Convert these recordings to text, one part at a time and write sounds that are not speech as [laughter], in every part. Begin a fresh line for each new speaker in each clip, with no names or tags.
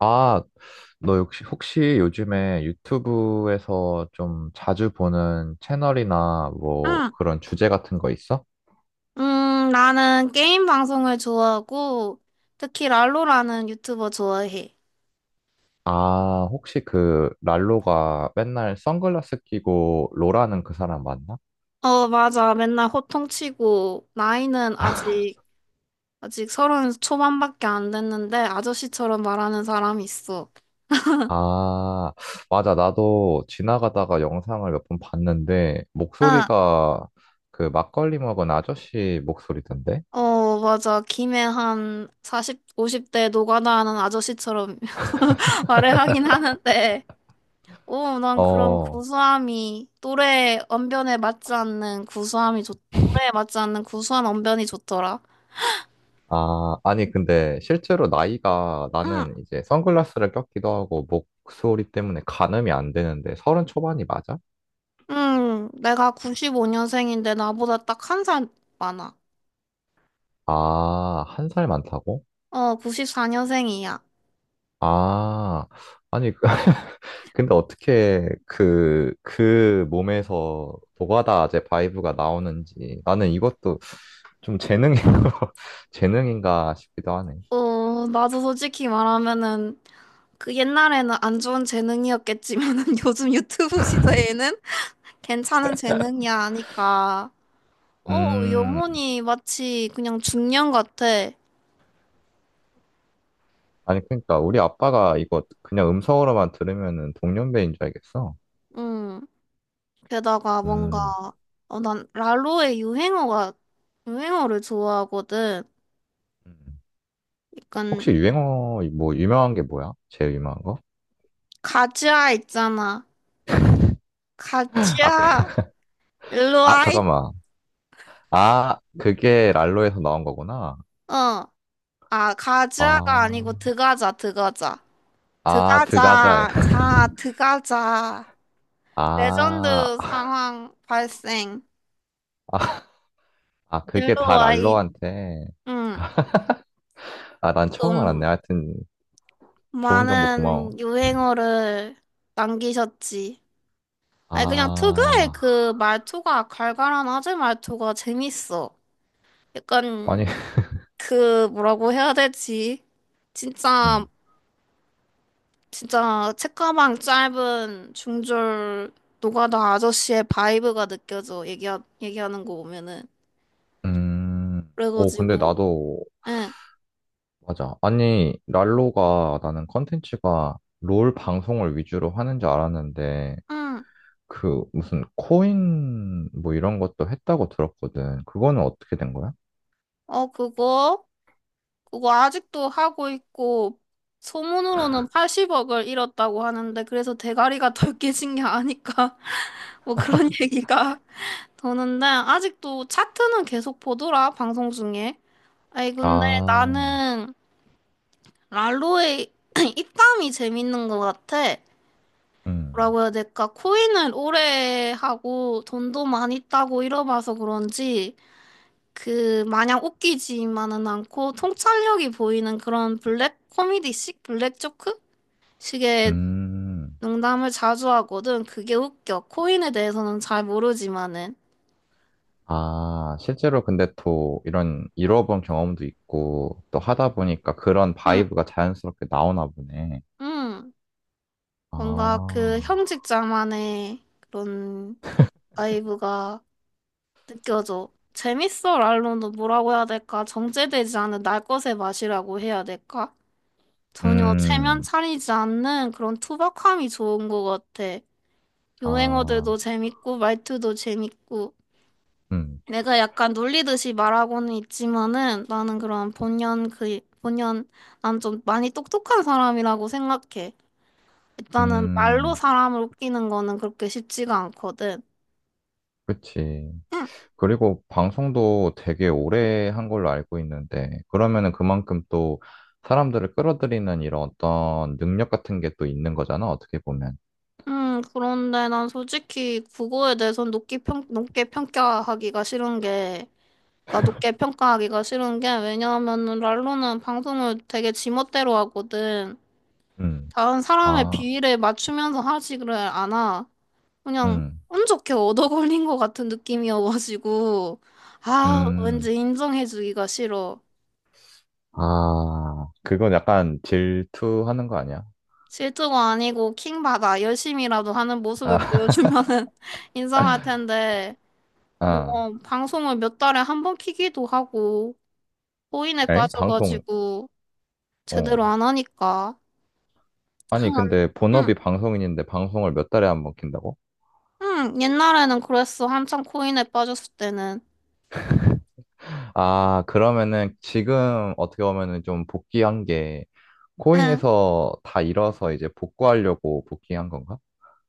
아, 너 혹시 요즘에 유튜브에서 좀 자주 보는 채널이나 뭐
응.
그런 주제 같은 거 있어?
나는 게임 방송을 좋아하고, 특히 랄로라는 유튜버 좋아해.
아, 혹시 그 랄로가 맨날 선글라스 끼고 로라는 그 사람 맞나?
어, 맞아. 맨날 호통치고, 나이는 아직 서른 초반밖에 안 됐는데, 아저씨처럼 말하는 사람이 있어.
아, 맞아. 나도 지나가다가 영상을 몇 번 봤는데
응.
목소리가 그 막걸리 먹은 아저씨 목소리던데?
어, 맞아. 김에 한 40, 50대 노가다 하는 아저씨처럼 [laughs] 말을 하긴 하는데, 오, 난 그런
어.
구수함이, 또래 언변에 맞지 않는 구수함이 또래에 맞지 않는 구수한 언변이 좋더라.
아, 아니, 근데 실제로 나이가
응,
나는 이제 선글라스를 꼈기도 하고 목소리 때문에 가늠이 안 되는데 서른 초반이 맞아?
응, 내가 95년생인데 나보다 딱 한 살 많아.
아, 한 살 많다고?
어, 94년생이야.
아, 아니, [laughs] 근데 어떻게 그 몸에서 노가다제 바이브가 나오는지 나는 이것도 좀 재능인, [laughs] 재능인가 싶기도 하네.
어, 나도 솔직히 말하면은 그 옛날에는 안 좋은 재능이었겠지만은 [laughs] 요즘 유튜브 시대에는 괜찮은 재능이야 하니까 어,
음,
영혼이 마치 그냥 중년 같아.
아니, 그러니까 우리 아빠가 이거 그냥 음성으로만 들으면은 동년배인 줄 알겠어.
응. 게다가 뭔가
음.
어, 난 랄로의 유행어가 유행어를 좋아하거든.
음.
약간
혹시 유행어 뭐 유명한 게 뭐야? 제일 유명한 거?
가즈아 있잖아.
아, 그,
가즈아
[laughs]
일로
아
와이?
잠깐만. 아 그게 랄로에서 나온 거구나.
어. 아, 가자가
아,
아니고 드가자, 드가자.
아 드가자.
드가자, 자, 드가자.
아,
레전드 상황 발생.
아, 아
일로
그게 다
와이.
랄로한테.
응.
아 난 처음 알았네.
좀
하여튼 좋은 정보 고마워.
많은 유행어를 남기셨지. 아니, 그냥 특유의
아
그 말투가, 갈갈한 아재 말투가 재밌어. 약간,
아니
그, 뭐라고 해야 되지?
음,
진짜 진짜 책가방 짧은 중졸 노가다 아저씨의 바이브가 느껴져 얘기하는 거 보면은
오
그래가지고
근데 나도
응,
맞아. 아니 랄로가 나는 컨텐츠가 롤 방송을 위주로 하는 줄 알았는데.
응,
그 무슨 코인 뭐 이런 것도 했다고 들었거든. 그거는 어떻게 된 거야?
어 그거 아직도 하고 있고, 소문으로는 80억을 잃었다고 하는데 그래서 대가리가 덜 깨진 게 아닐까 [laughs] 뭐 그런 얘기가 도는데 아직도 차트는 계속 보더라, 방송 중에. 아이 근데
아,
나는 랄로의 [clears throat] 입담이 재밌는 것 같아.
음,
뭐라고 해야 될까? 코인을 오래 하고 돈도 많이 따고 이러봐서 그런지 그 마냥 웃기지만은 않고 통찰력이 보이는 그런 블랙 코미디식 블랙 조크 식의
음.
농담을 자주 하거든. 그게 웃겨. 코인에 대해서는 잘 모르지만은.
아, 실제로 근데 또 이런 잃어본 경험도 있고 또 하다 보니까 그런
응,
바이브가 자연스럽게 나오나 보네.
응.
아,
뭔가 그 형식자만의 그런 바이브가 느껴져. 재밌어, 랄론도 뭐라고 해야 될까? 정제되지 않은 날 것의 맛이라고 해야 될까? 전혀 체면
음,
차리지 않는 그런 투박함이 좋은 것 같아.
아,
유행어들도 재밌고, 말투도 재밌고.
음,
내가 약간 놀리듯이 말하고는 있지만은 나는 그런 난 좀 많이 똑똑한 사람이라고 생각해. 일단은 말로
음,
사람을 웃기는 거는 그렇게 쉽지가 않거든.
그치.
응.
그리고 방송도 되게 오래 한 걸로 알고 있는데, 그러면은 그만큼 또 사람들을 끌어들이는 이런 어떤 능력 같은 게 또 있는 거잖아, 어떻게 보면.
그런데 난 솔직히 국어에 대해서 높게 평가하기가 싫은 게 왜냐하면은 랄로는 방송을 되게 지멋대로 하거든.
음,
다른 사람의
아,
비위를 맞추면서 하지를 않아. 그냥
음,
운 좋게 얻어 걸린 것 같은 느낌이어가지고 아
음,
왠지 인정해주기가 싫어.
아, 그건 약간 질투하는 거 아니야?
실수가 아니고 킹받아. 열심히라도 하는 모습을
아, [laughs]
보여주면은 [laughs] 인정할 텐데,
아,
뭐 방송을 몇 달에 한 번 키기도 하고 호인에
엥? 방송,
빠져가지고
어.
제대로 안 하니까.
아니, 근데
[clears throat] 응.
본업이 방송인인데 방송을 몇 달에 한 번 킨다고?
응, 옛날에는 그랬어. 한창 코인에 빠졌을 때는.
아, 그러면은 지금 어떻게 보면은 좀 복귀한 게
응,
코인에서 다 잃어서 이제 복구하려고 복귀한 건가?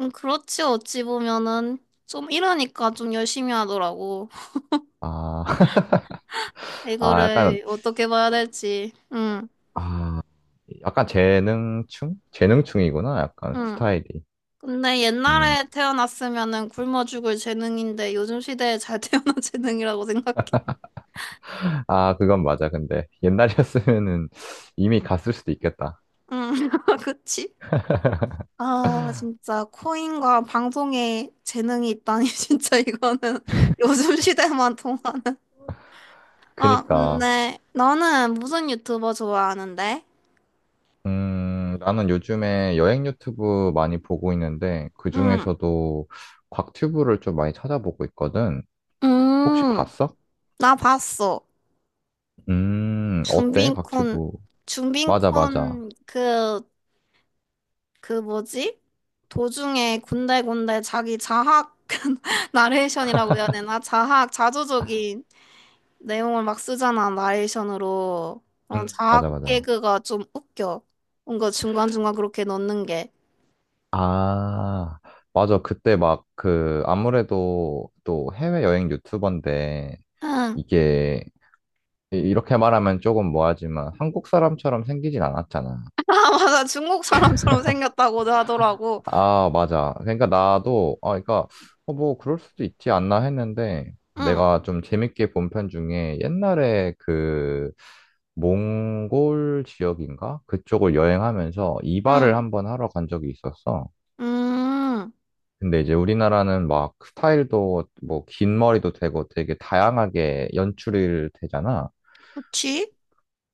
응, 그렇지. 어찌 보면은 좀 이러니까 좀 열심히 하더라고.
아, [laughs] 아, 약간,
이거를 어떻게 봐야 될지. 응,
아, 약간 재능충? 재능충이구나. 약간
응.
스타일이.
근데
음.
옛날에 태어났으면은 굶어 죽을 재능인데 요즘 시대에 잘 태어난 [laughs] 재능이라고 생각해.
아, 그건 맞아. 근데 옛날이었으면은 [laughs] 이미 갔을 수도 있겠다.
응, [laughs] 그치? 아,
[laughs]
진짜 코인과 방송에 재능이 있다니 [laughs] 진짜 이거는 [laughs] 요즘 시대만 통하는. 아,
그니까.
근데 너는 무슨 유튜버 좋아하는데?
나는 요즘에 여행 유튜브 많이 보고 있는데
응.
그중에서도 곽튜브를 좀 많이 찾아보고 있거든. 혹시
음,
봤어?
나 봤어.
어때?
준빈콘,
곽튜브. 맞아.
준빈콘 그 뭐지? 도중에 군데군데 자기 자학 [laughs] 나레이션이라고 해야 되나? 자학, 자조적인 내용을 막 쓰잖아, 나레이션으로. 그런
음, 맞아,
자학
맞아.
개그가 좀 웃겨. 뭔가 중간중간 그렇게 넣는 게.
아, 맞아. 그때 막 그, 아무래도 또 해외여행 유튜버인데,
응.
이게, 이렇게 말하면 조금 뭐하지만, 한국 사람처럼 생기진 않았잖아.
[laughs] 아, 맞아. 중국 사람처럼 생겼다고 하더라고.
아, 맞아. 그러니까 나도, 아, 그러니까, 어, 뭐, 그럴 수도 있지 않나 했는데,
응.
내가 좀 재밌게 본 편 중에 옛날에 그, 몽골 지역인가? 그쪽을 여행하면서 이발을
응.
한번 하러 간 적이 있었어.
음,
근데 이제 우리나라는 막 스타일도 뭐, 긴 머리도 되고 되게 다양하게 연출이 되잖아.
그치?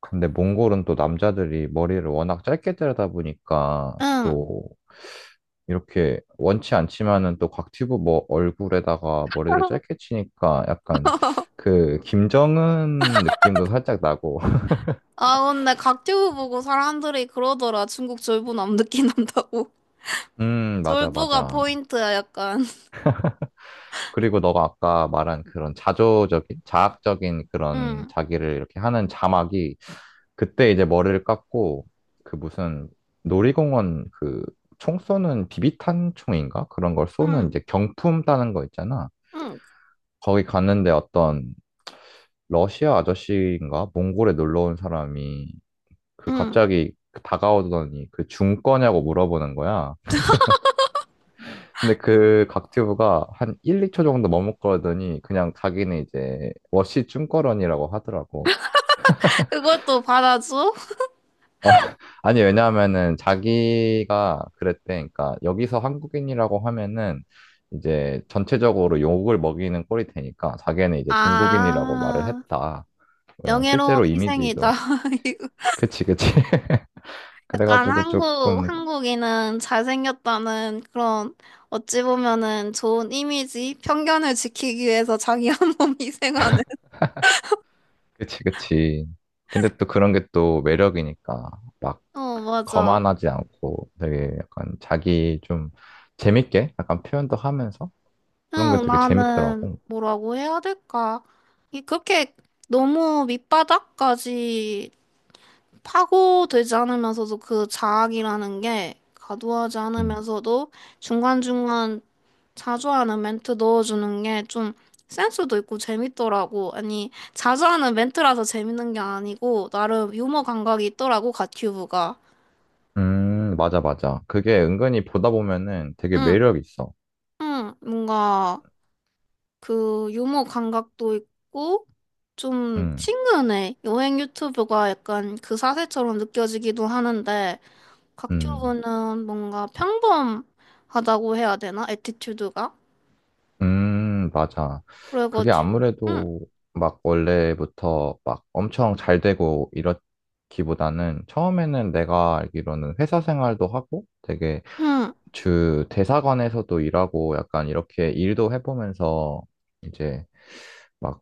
근데 몽골은 또 남자들이 머리를 워낙 짧게 자르다 보니까
응.
또 이렇게 원치 않지만은 또 곽튜브 뭐 얼굴에다가 머리를
[laughs]
짧게 치니까 약간 그 김정은 느낌도 살짝 나고. [laughs]
아, 근데 각튜브 보고 사람들이 그러더라. 중국 졸부 남느끼 난다고.
음,
[laughs]
맞아,
졸부가
맞아.
포인트야, 약간.
그리고 너가 아까 말한 그런 자조적인, 자학적인 그런
응,
자기를 이렇게 하는 자막이 그때 이제 머리를 깎고 그 무슨 놀이공원 그 총 쏘는 비비탄 총인가? 그런 걸 쏘는
응,
이제 경품 따는 거 있잖아.
응,
거기 갔는데 어떤 러시아 아저씨인가? 몽골에 놀러 온 사람이 그
응.
갑자기 그 다가오더니 그 중 거냐고 물어보는 거야. 근데 그 각튜브가 한 1, 2초 정도 머뭇거리더니 그냥 자기는 이제 워시 중거런이라고 하더라고.
그걸 또 받아줘?
아, [laughs] 아니 왜냐하면은 자기가 그랬대. 그러니까 여기서 한국인이라고 하면은 이제 전체적으로 욕을 먹이는 꼴이 되니까 자기는 이제 중국인이라고 말을
아,
했다. 어,
명예로운
실제로
희생이다.
이미지도
[laughs] 이거
그치, 그치. [laughs]
약간
그래가지고
한국,
조금
한국인은 잘생겼다는 그런, 어찌 보면은 좋은 이미지, 편견을 지키기 위해서 자기 [laughs] 한 몸 희생하는. [laughs]
그치, 그치. 근데 또 그런 게 또 매력이니까 막
어, 맞아.
거만하지 않고 되게 약간 자기 좀 재밌게 약간 표현도 하면서 그런 게
응,
되게
나는
재밌더라고.
뭐라고 해야 될까? 이 그렇게 너무 밑바닥까지 파고들지 않으면서도 그 자학이라는 게 과도하지
음.
않으면서도 중간중간 자주 하는 멘트 넣어주는 게 좀 센스도 있고 재밌더라고. 아니, 자주 하는 멘트라서 재밌는 게 아니고 나름 유머 감각이 있더라고, 갓큐브가.
음, 맞아. 그게 은근히 보다 보면은 되게
응,
매력 있어.
응, 뭔가. 그 유머 감각도 있고 좀
음,
친근해. 여행 유튜브가 약간 그 사세처럼 느껴지기도 하는데
음,
곽튜브는 뭔가 평범하다고 해야 되나? 애티튜드가?
맞아. 그게
그래가지고
아무래도 막 원래부터 막 엄청 잘 되고 이렇기보다는 처음에는 내가 알기로는 회사 생활도 하고 되게
음,
주 대사관에서도 일하고 약간 이렇게 일도 해보면서 이제 막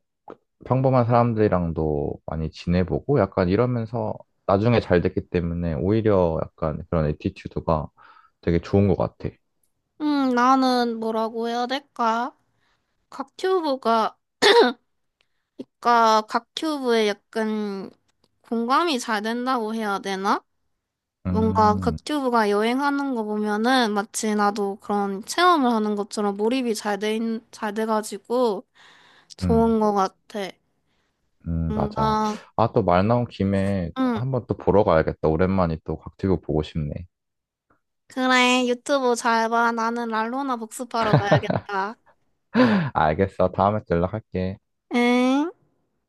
평범한 사람들이랑도 많이 지내보고 약간 이러면서 나중에 잘 됐기 때문에 오히려 약간 그런 애티튜드가 되게 좋은 것 같아.
나는 뭐라고 해야 될까? 곽튜브가, 그러니까 곽튜브에 약간 공감이 잘 된다고 해야 되나? 뭔가
음,
극튜브가 여행하는 거 보면은 마치 나도 그런 체험을 하는 것처럼 몰입이 잘 돼가지고
음.
좋은 거 같아.
맞아. 음.
뭔가,
아, 또 말 나온 김에
응.
한번 또 보러 가야겠다. 오랜만에 또 곽튜브 보고 싶네.
그래, 유튜브 잘 봐. 나는 랄로나 복습하러 가야겠다.
[laughs] 알겠어. 다음에 또 연락할게.
응?